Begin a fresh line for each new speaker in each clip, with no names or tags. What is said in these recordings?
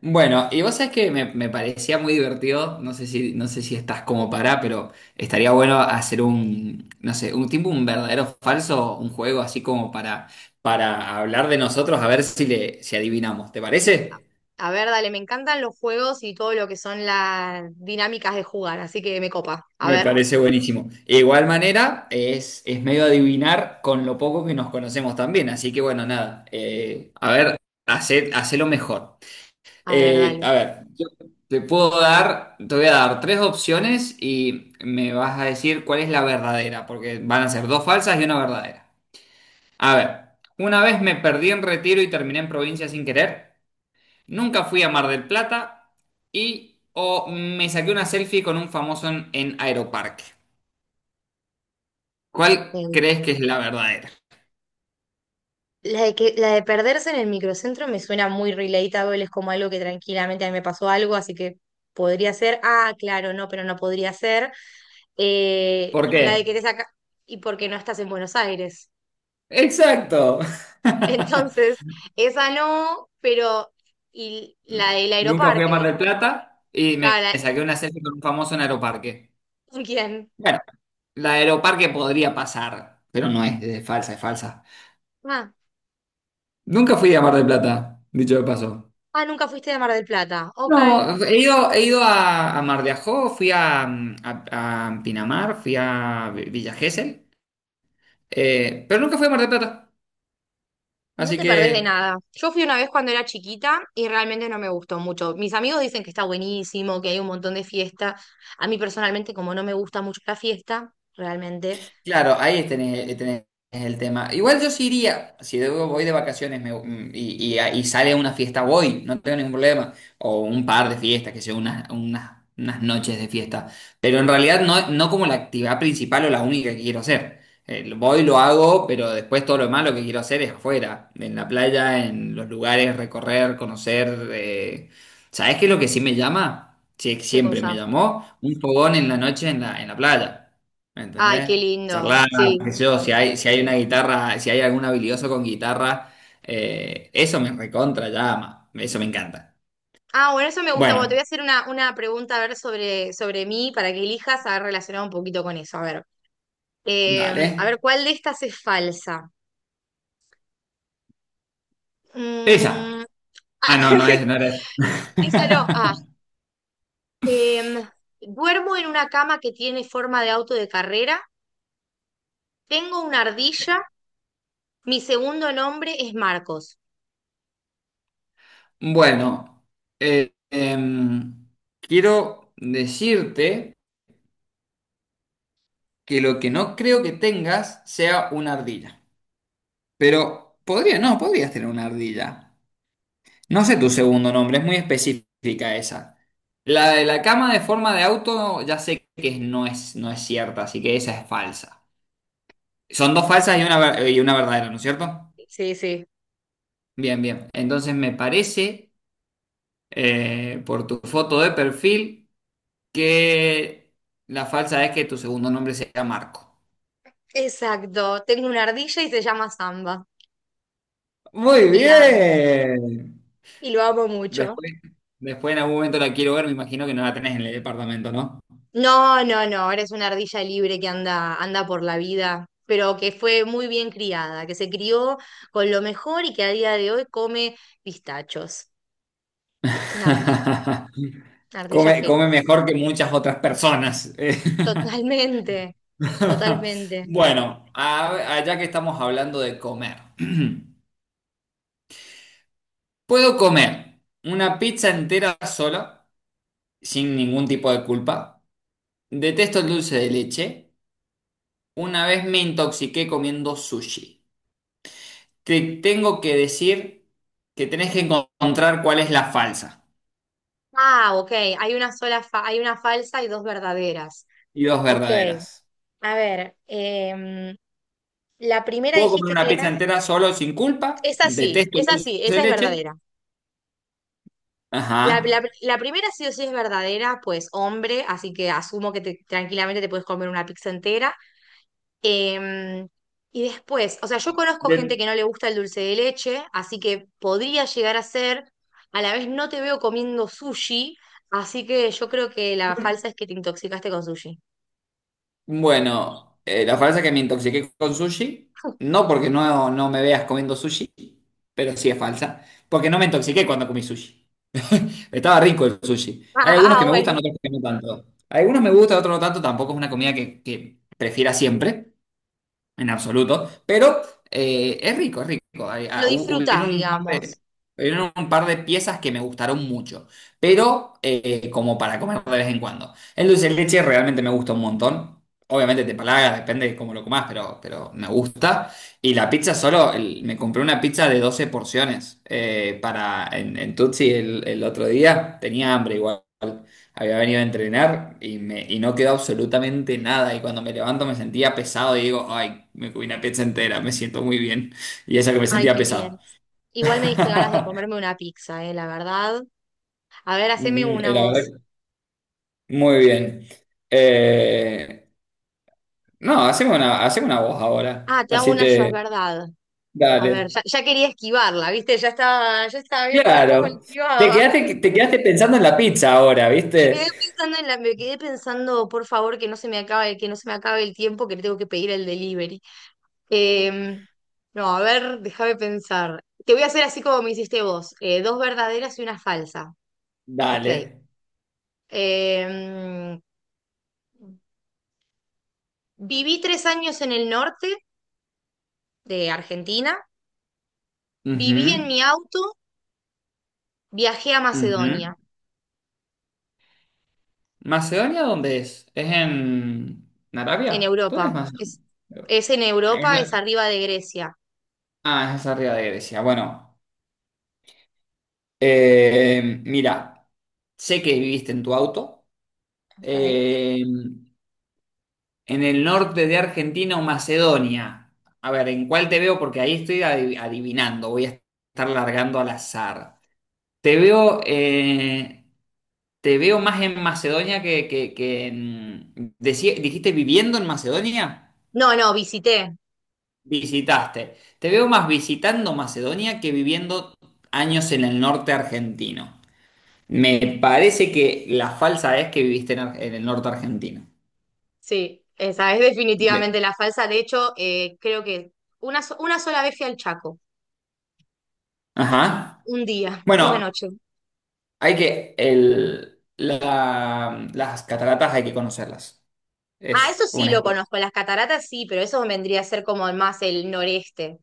Bueno, y vos sabés que me parecía muy divertido, no sé si estás como para, pero estaría bueno hacer un, no sé, un tipo, un verdadero falso, un juego así como para hablar de nosotros, a ver si le, si adivinamos, ¿te parece?
A ver, dale, me encantan los juegos y todo lo que son las dinámicas de jugar, así que me copa.
Me parece buenísimo. De igual manera, es medio adivinar con lo poco que nos conocemos también, así que bueno, nada, a ver, hacé lo mejor.
A ver, dale.
Yo te voy a dar tres opciones y me vas a decir cuál es la verdadera, porque van a ser dos falsas y una verdadera. A ver, una vez me perdí en Retiro y terminé en provincia sin querer, nunca fui a Mar del Plata y o me saqué una selfie con un famoso en Aeroparque. ¿Cuál
Em,
crees que es la verdadera?
La de que, la de perderse en el microcentro me suena muy relatable, es como algo que tranquilamente a mí me pasó algo, así que podría ser. Ah, claro, no, pero no podría ser.
¿Por
La de que
qué?
te saca. Y porque no estás en Buenos Aires.
Exacto.
Entonces, esa no, pero. Y la del
Nunca fui a Mar
aeroparque.
del Plata y me
Claro, la-
saqué una selfie con un famoso en Aeroparque.
¿con quién?
Bueno. La de Aeroparque podría pasar, pero no es, es falsa, es falsa.
Ah,
Nunca fui a Mar del Plata, dicho de paso.
ah, nunca fuiste de Mar del Plata. Ok.
No, he ido a Mar de Ajó, fui a, a Pinamar, fui a Villa Gesell, pero nunca fui a Mar del Plata.
No
Así
te perdés de
que
nada. Yo fui una vez cuando era chiquita y realmente no me gustó mucho. Mis amigos dicen que está buenísimo, que hay un montón de fiesta. A mí personalmente, como no me gusta mucho la fiesta, realmente,
claro, ahí tenés el tema. Igual yo sí iría, si voy de vacaciones y sale una fiesta, voy, no tengo ningún problema. O un par de fiestas, que sea unas noches de fiesta. Pero en realidad no, no como la actividad principal o la única que quiero hacer. Voy, lo hago, pero después todo lo demás lo que quiero hacer es afuera, en la playa, en los lugares, recorrer, conocer. ¿Sabés qué es lo que sí me llama? Sí,
qué
siempre me
cosa.
llamó un fogón en la noche en la playa. ¿Me
Ay, qué
entendés?
lindo.
Charlar,
Sí.
qué sé yo, si hay una guitarra, si hay algún habilidoso con guitarra, eso me recontra llama, eso me encanta.
Ah, bueno, eso me gusta. Bueno, te
Bueno,
voy a hacer una pregunta a ver sobre, sobre mí para que elijas a ver relacionado un poquito con eso. A ver. A ver,
dale.
¿cuál de estas es falsa?
Esa.
Mm,
Ah,
ah,
no era esa.
esa no. Ah, Em, duermo en una cama que tiene forma de auto de carrera. Tengo una ardilla. Mi segundo nombre es Marcos.
Bueno, eh, em, quiero decirte que lo que no creo que tengas sea una ardilla. Pero podría, no, podrías tener una ardilla. No sé tu segundo nombre, es muy específica esa. La de la cama de forma de auto, ya sé que no es cierta, así que esa es falsa. Son dos falsas y una, y una verdadera, ¿no es cierto?
Sí, sí.
Bien, bien. Entonces me parece, por tu foto de perfil, que la falsa es que tu segundo nombre sea Marco.
Exacto. Tengo una ardilla y se llama Samba.
Muy
Y la amo mu-
bien.
Y lo amo mucho.
Después, después en algún momento la quiero ver, me imagino que no la tenés en el departamento, ¿no?
No, no, no. Eres una ardilla libre que anda, anda por la vida, pero que fue muy bien criada, que se crió con lo mejor y que a día de hoy come pistachos. Una ardilla, una ardilla
Come, come
feliz.
mejor que muchas otras personas.
Totalmente. Totalmente.
Bueno, allá que estamos hablando de comer. Puedo comer una pizza entera sola, sin ningún tipo de culpa. Detesto el dulce de leche. Una vez me intoxiqué comiendo sushi. Te tengo que decir que tenés que encontrar cuál es la falsa
Ah, ok. Hay una sola, fa- hay una falsa y dos verdaderas.
y dos
Ok.
verdaderas.
A ver, la primera
Puedo comer
dijiste
una
que
pizza
era.
entera solo sin culpa. Detesto el
Es
dulce
así,
de
esa es
leche.
verdadera.
Ajá.
La primera sí o sí es verdadera, pues hombre, así que asumo que te- tranquilamente te puedes comer una pizza entera. Em, y después, o sea, yo conozco gente
De-
que no le gusta el dulce de leche, así que podría llegar a ser, a la vez no te veo comiendo sushi, así que yo creo que la falsa es que te intoxicaste con sushi.
Bueno, la frase es que me intoxiqué con sushi, no porque no me veas comiendo sushi, pero sí es falsa, porque no me intoxiqué cuando comí sushi. Estaba rico el sushi. Hay algunos
Ah,
que
ah,
me
bueno,
gustan, otros que no tanto. Algunos me gustan, otros no tanto, tampoco es una comida que prefiera siempre, en absoluto, pero es rico, es rico.
lo disfrutás,
Hubieron un par de,
digamos.
hubieron un par de piezas que me gustaron mucho, pero como para comer de vez en cuando. El dulce de leche realmente me gusta un montón. Obviamente te palaga, depende de cómo lo comas, pero me gusta. Y la pizza solo, me compré una pizza de 12 porciones para, en Tutsi el otro día. Tenía hambre igual. Había venido a entrenar y no quedó absolutamente nada. Y cuando me levanto me sentía pesado y digo, ay, me comí una pizza entera, me siento muy bien. Y eso que me
Ay,
sentía
qué
pesado.
bien. Igual me diste ganas de comerme una pizza, la verdad. A ver, haceme
Mm,
una
la
voz.
verdad, que muy bien. Eh, no, hacemos una voz ahora.
Ah, te hago
Así
una yo, es
te...
verdad. A ver,
Dale.
ya quería esquivarla, ¿viste? Ya estaba viendo a ver cómo la
Claro.
esquivaba.
Te quedaste pensando en la pizza ahora,
Me quedé
¿viste?
pensando en la, me quedé pensando, por favor, que no se me acabe, que no se me acabe el tiempo que le tengo que pedir el delivery. Em, no, a ver, déjame pensar. Te voy a hacer así como me hiciste vos. Dos verdaderas y una falsa. Ok.
Dale.
Em, Viví 3 años en el norte de Argentina, viví en
Ujú,
mi auto, viajé a
ujú.
Macedonia,
¿Macedonia dónde es? ¿Es en
en
Arabia? ¿Dónde es
Europa.
Macedonia?
Es en
Es
Europa, es
la-
arriba de Grecia.
Ah, es arriba de Grecia. Bueno, mira, sé que viviste en tu auto.
Ok.
Eh, en el norte de Argentina o Macedonia. A ver, ¿en cuál te veo? Porque ahí estoy adivinando. Voy a estar largando al azar. Te veo, eh, te veo más en Macedonia que en... ¿Dijiste viviendo en Macedonia?
No, no, visité.
Visitaste. Te veo más visitando Macedonia que viviendo años en el norte argentino. Me parece que la falsa es que viviste en, en el norte argentino.
Sí, esa es
De-
definitivamente la falsa. De hecho, creo que una sola vez fui al Chaco,
Ajá.
un día, una
Bueno,
noche.
hay que... las cataratas hay que conocerlas.
Ah, eso
Es
sí
una...
lo conozco, las cataratas sí, pero eso vendría a ser como más el noreste.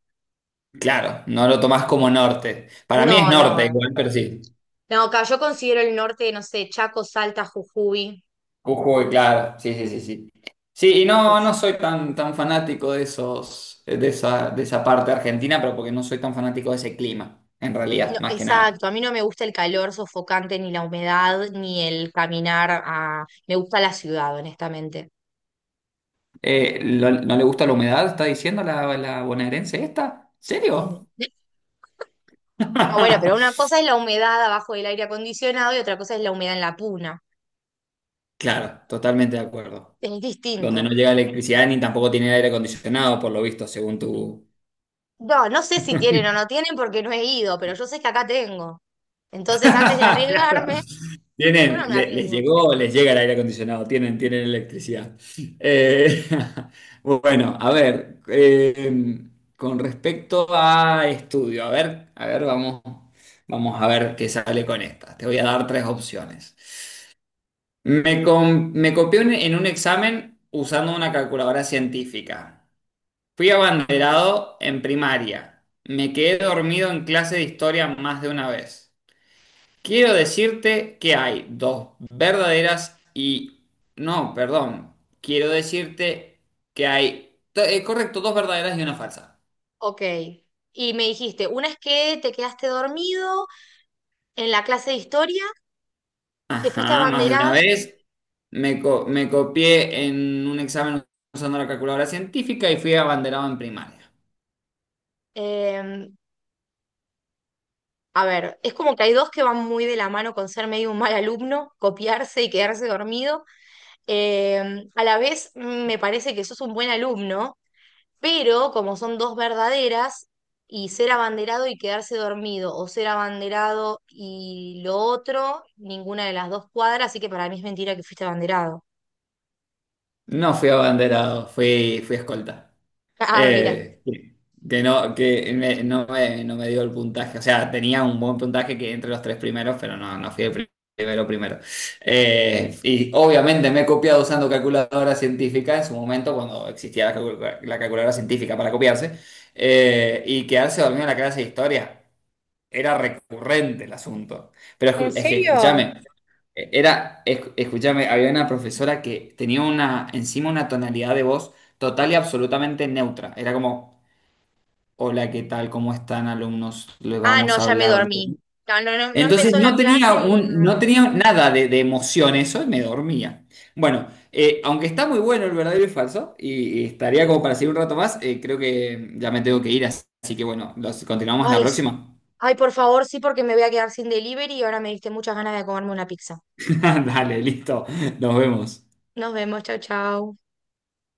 Claro, no lo tomás como norte. Para mí es
No,
norte
no.
igual, pero sí.
No, acá yo considero el norte, no sé, Chaco, Salta, Jujuy.
Jujuy, claro, sí, sí, sí, sí. Sí, y no, tan fanático de esos, de esa parte argentina, pero porque no soy tan fanático de ese clima, en
No,
realidad, más que nada.
exacto, a mí no me gusta el calor sofocante, ni la humedad, ni el caminar a... Me gusta la ciudad, honestamente.
¿No le gusta la humedad? ¿Está diciendo la bonaerense esta?
Sí.
¿Serio?
No, bueno, pero una cosa es la humedad abajo del aire acondicionado y otra cosa es la humedad en la puna.
Claro, totalmente de acuerdo.
Es
Donde
distinto.
no llega electricidad ni tampoco tiene aire acondicionado, por lo visto, según tu,
No, no sé si tienen o no tienen porque no he ido, pero yo sé que acá tengo. Entonces, antes de
claro.
arriesgarme, yo
Tienen,
no me
les
arriesgo.
llegó, les llega el aire acondicionado, tienen, tienen electricidad. Eh, bueno, a ver, con respecto a estudio, vamos a ver qué sale con esta. Te voy a dar tres opciones. Me copié en un examen usando una calculadora científica. Fui abanderado en primaria. Me quedé dormido en clase de historia más de una vez. Quiero decirte que hay dos verdaderas y... No, perdón. Quiero decirte que hay... correcto, dos verdaderas y una falsa.
Ok. Y me dijiste, una es que te quedaste dormido en la clase de historia, que fuiste
Ajá, más de una
abanderado,
vez me copié en un examen usando la calculadora científica y fui abanderado en primaria.
em, a ver, es como que hay dos que van muy de la mano con ser medio un mal alumno, copiarse y quedarse dormido. Eh, a la vez me parece que sos un buen alumno, pero como son dos verdaderas, y ser abanderado y quedarse dormido, o ser abanderado y lo otro, ninguna de las dos cuadra, así que para mí es mentira que fuiste abanderado.
No fui abanderado, fui escolta.
Ah, mira.
Eh, que no, no me dio el puntaje. O sea, tenía un buen puntaje que entre los tres primeros, pero no, no fui el primero primero. Y obviamente me he copiado usando calculadora científica en su momento, cuando existía la calculadora científica para copiarse, y quedarse dormido en la clase de historia era recurrente el asunto. Pero
¿En
es que,
serio?
escúchame, escúchame, había una profesora que tenía una, encima una tonalidad de voz total y absolutamente neutra. Era como, hola, ¿qué tal? ¿Cómo están, alumnos? Les
Ah, no,
vamos a
ya me
hablar de...
dormí. No, no, no, no
Entonces
empezó la clase y no.
no tenía nada de, de emoción eso y me dormía. Bueno, aunque está muy bueno el verdadero y falso, y estaría como para seguir un rato más, creo que ya me tengo que ir, así que bueno, los, continuamos en la
Ay, s-
próxima.
ay, por favor, sí, porque me voy a quedar sin delivery y ahora me diste muchas ganas de comerme una pizza.
Dale, listo. Nos vemos.
Nos vemos, chau, chau.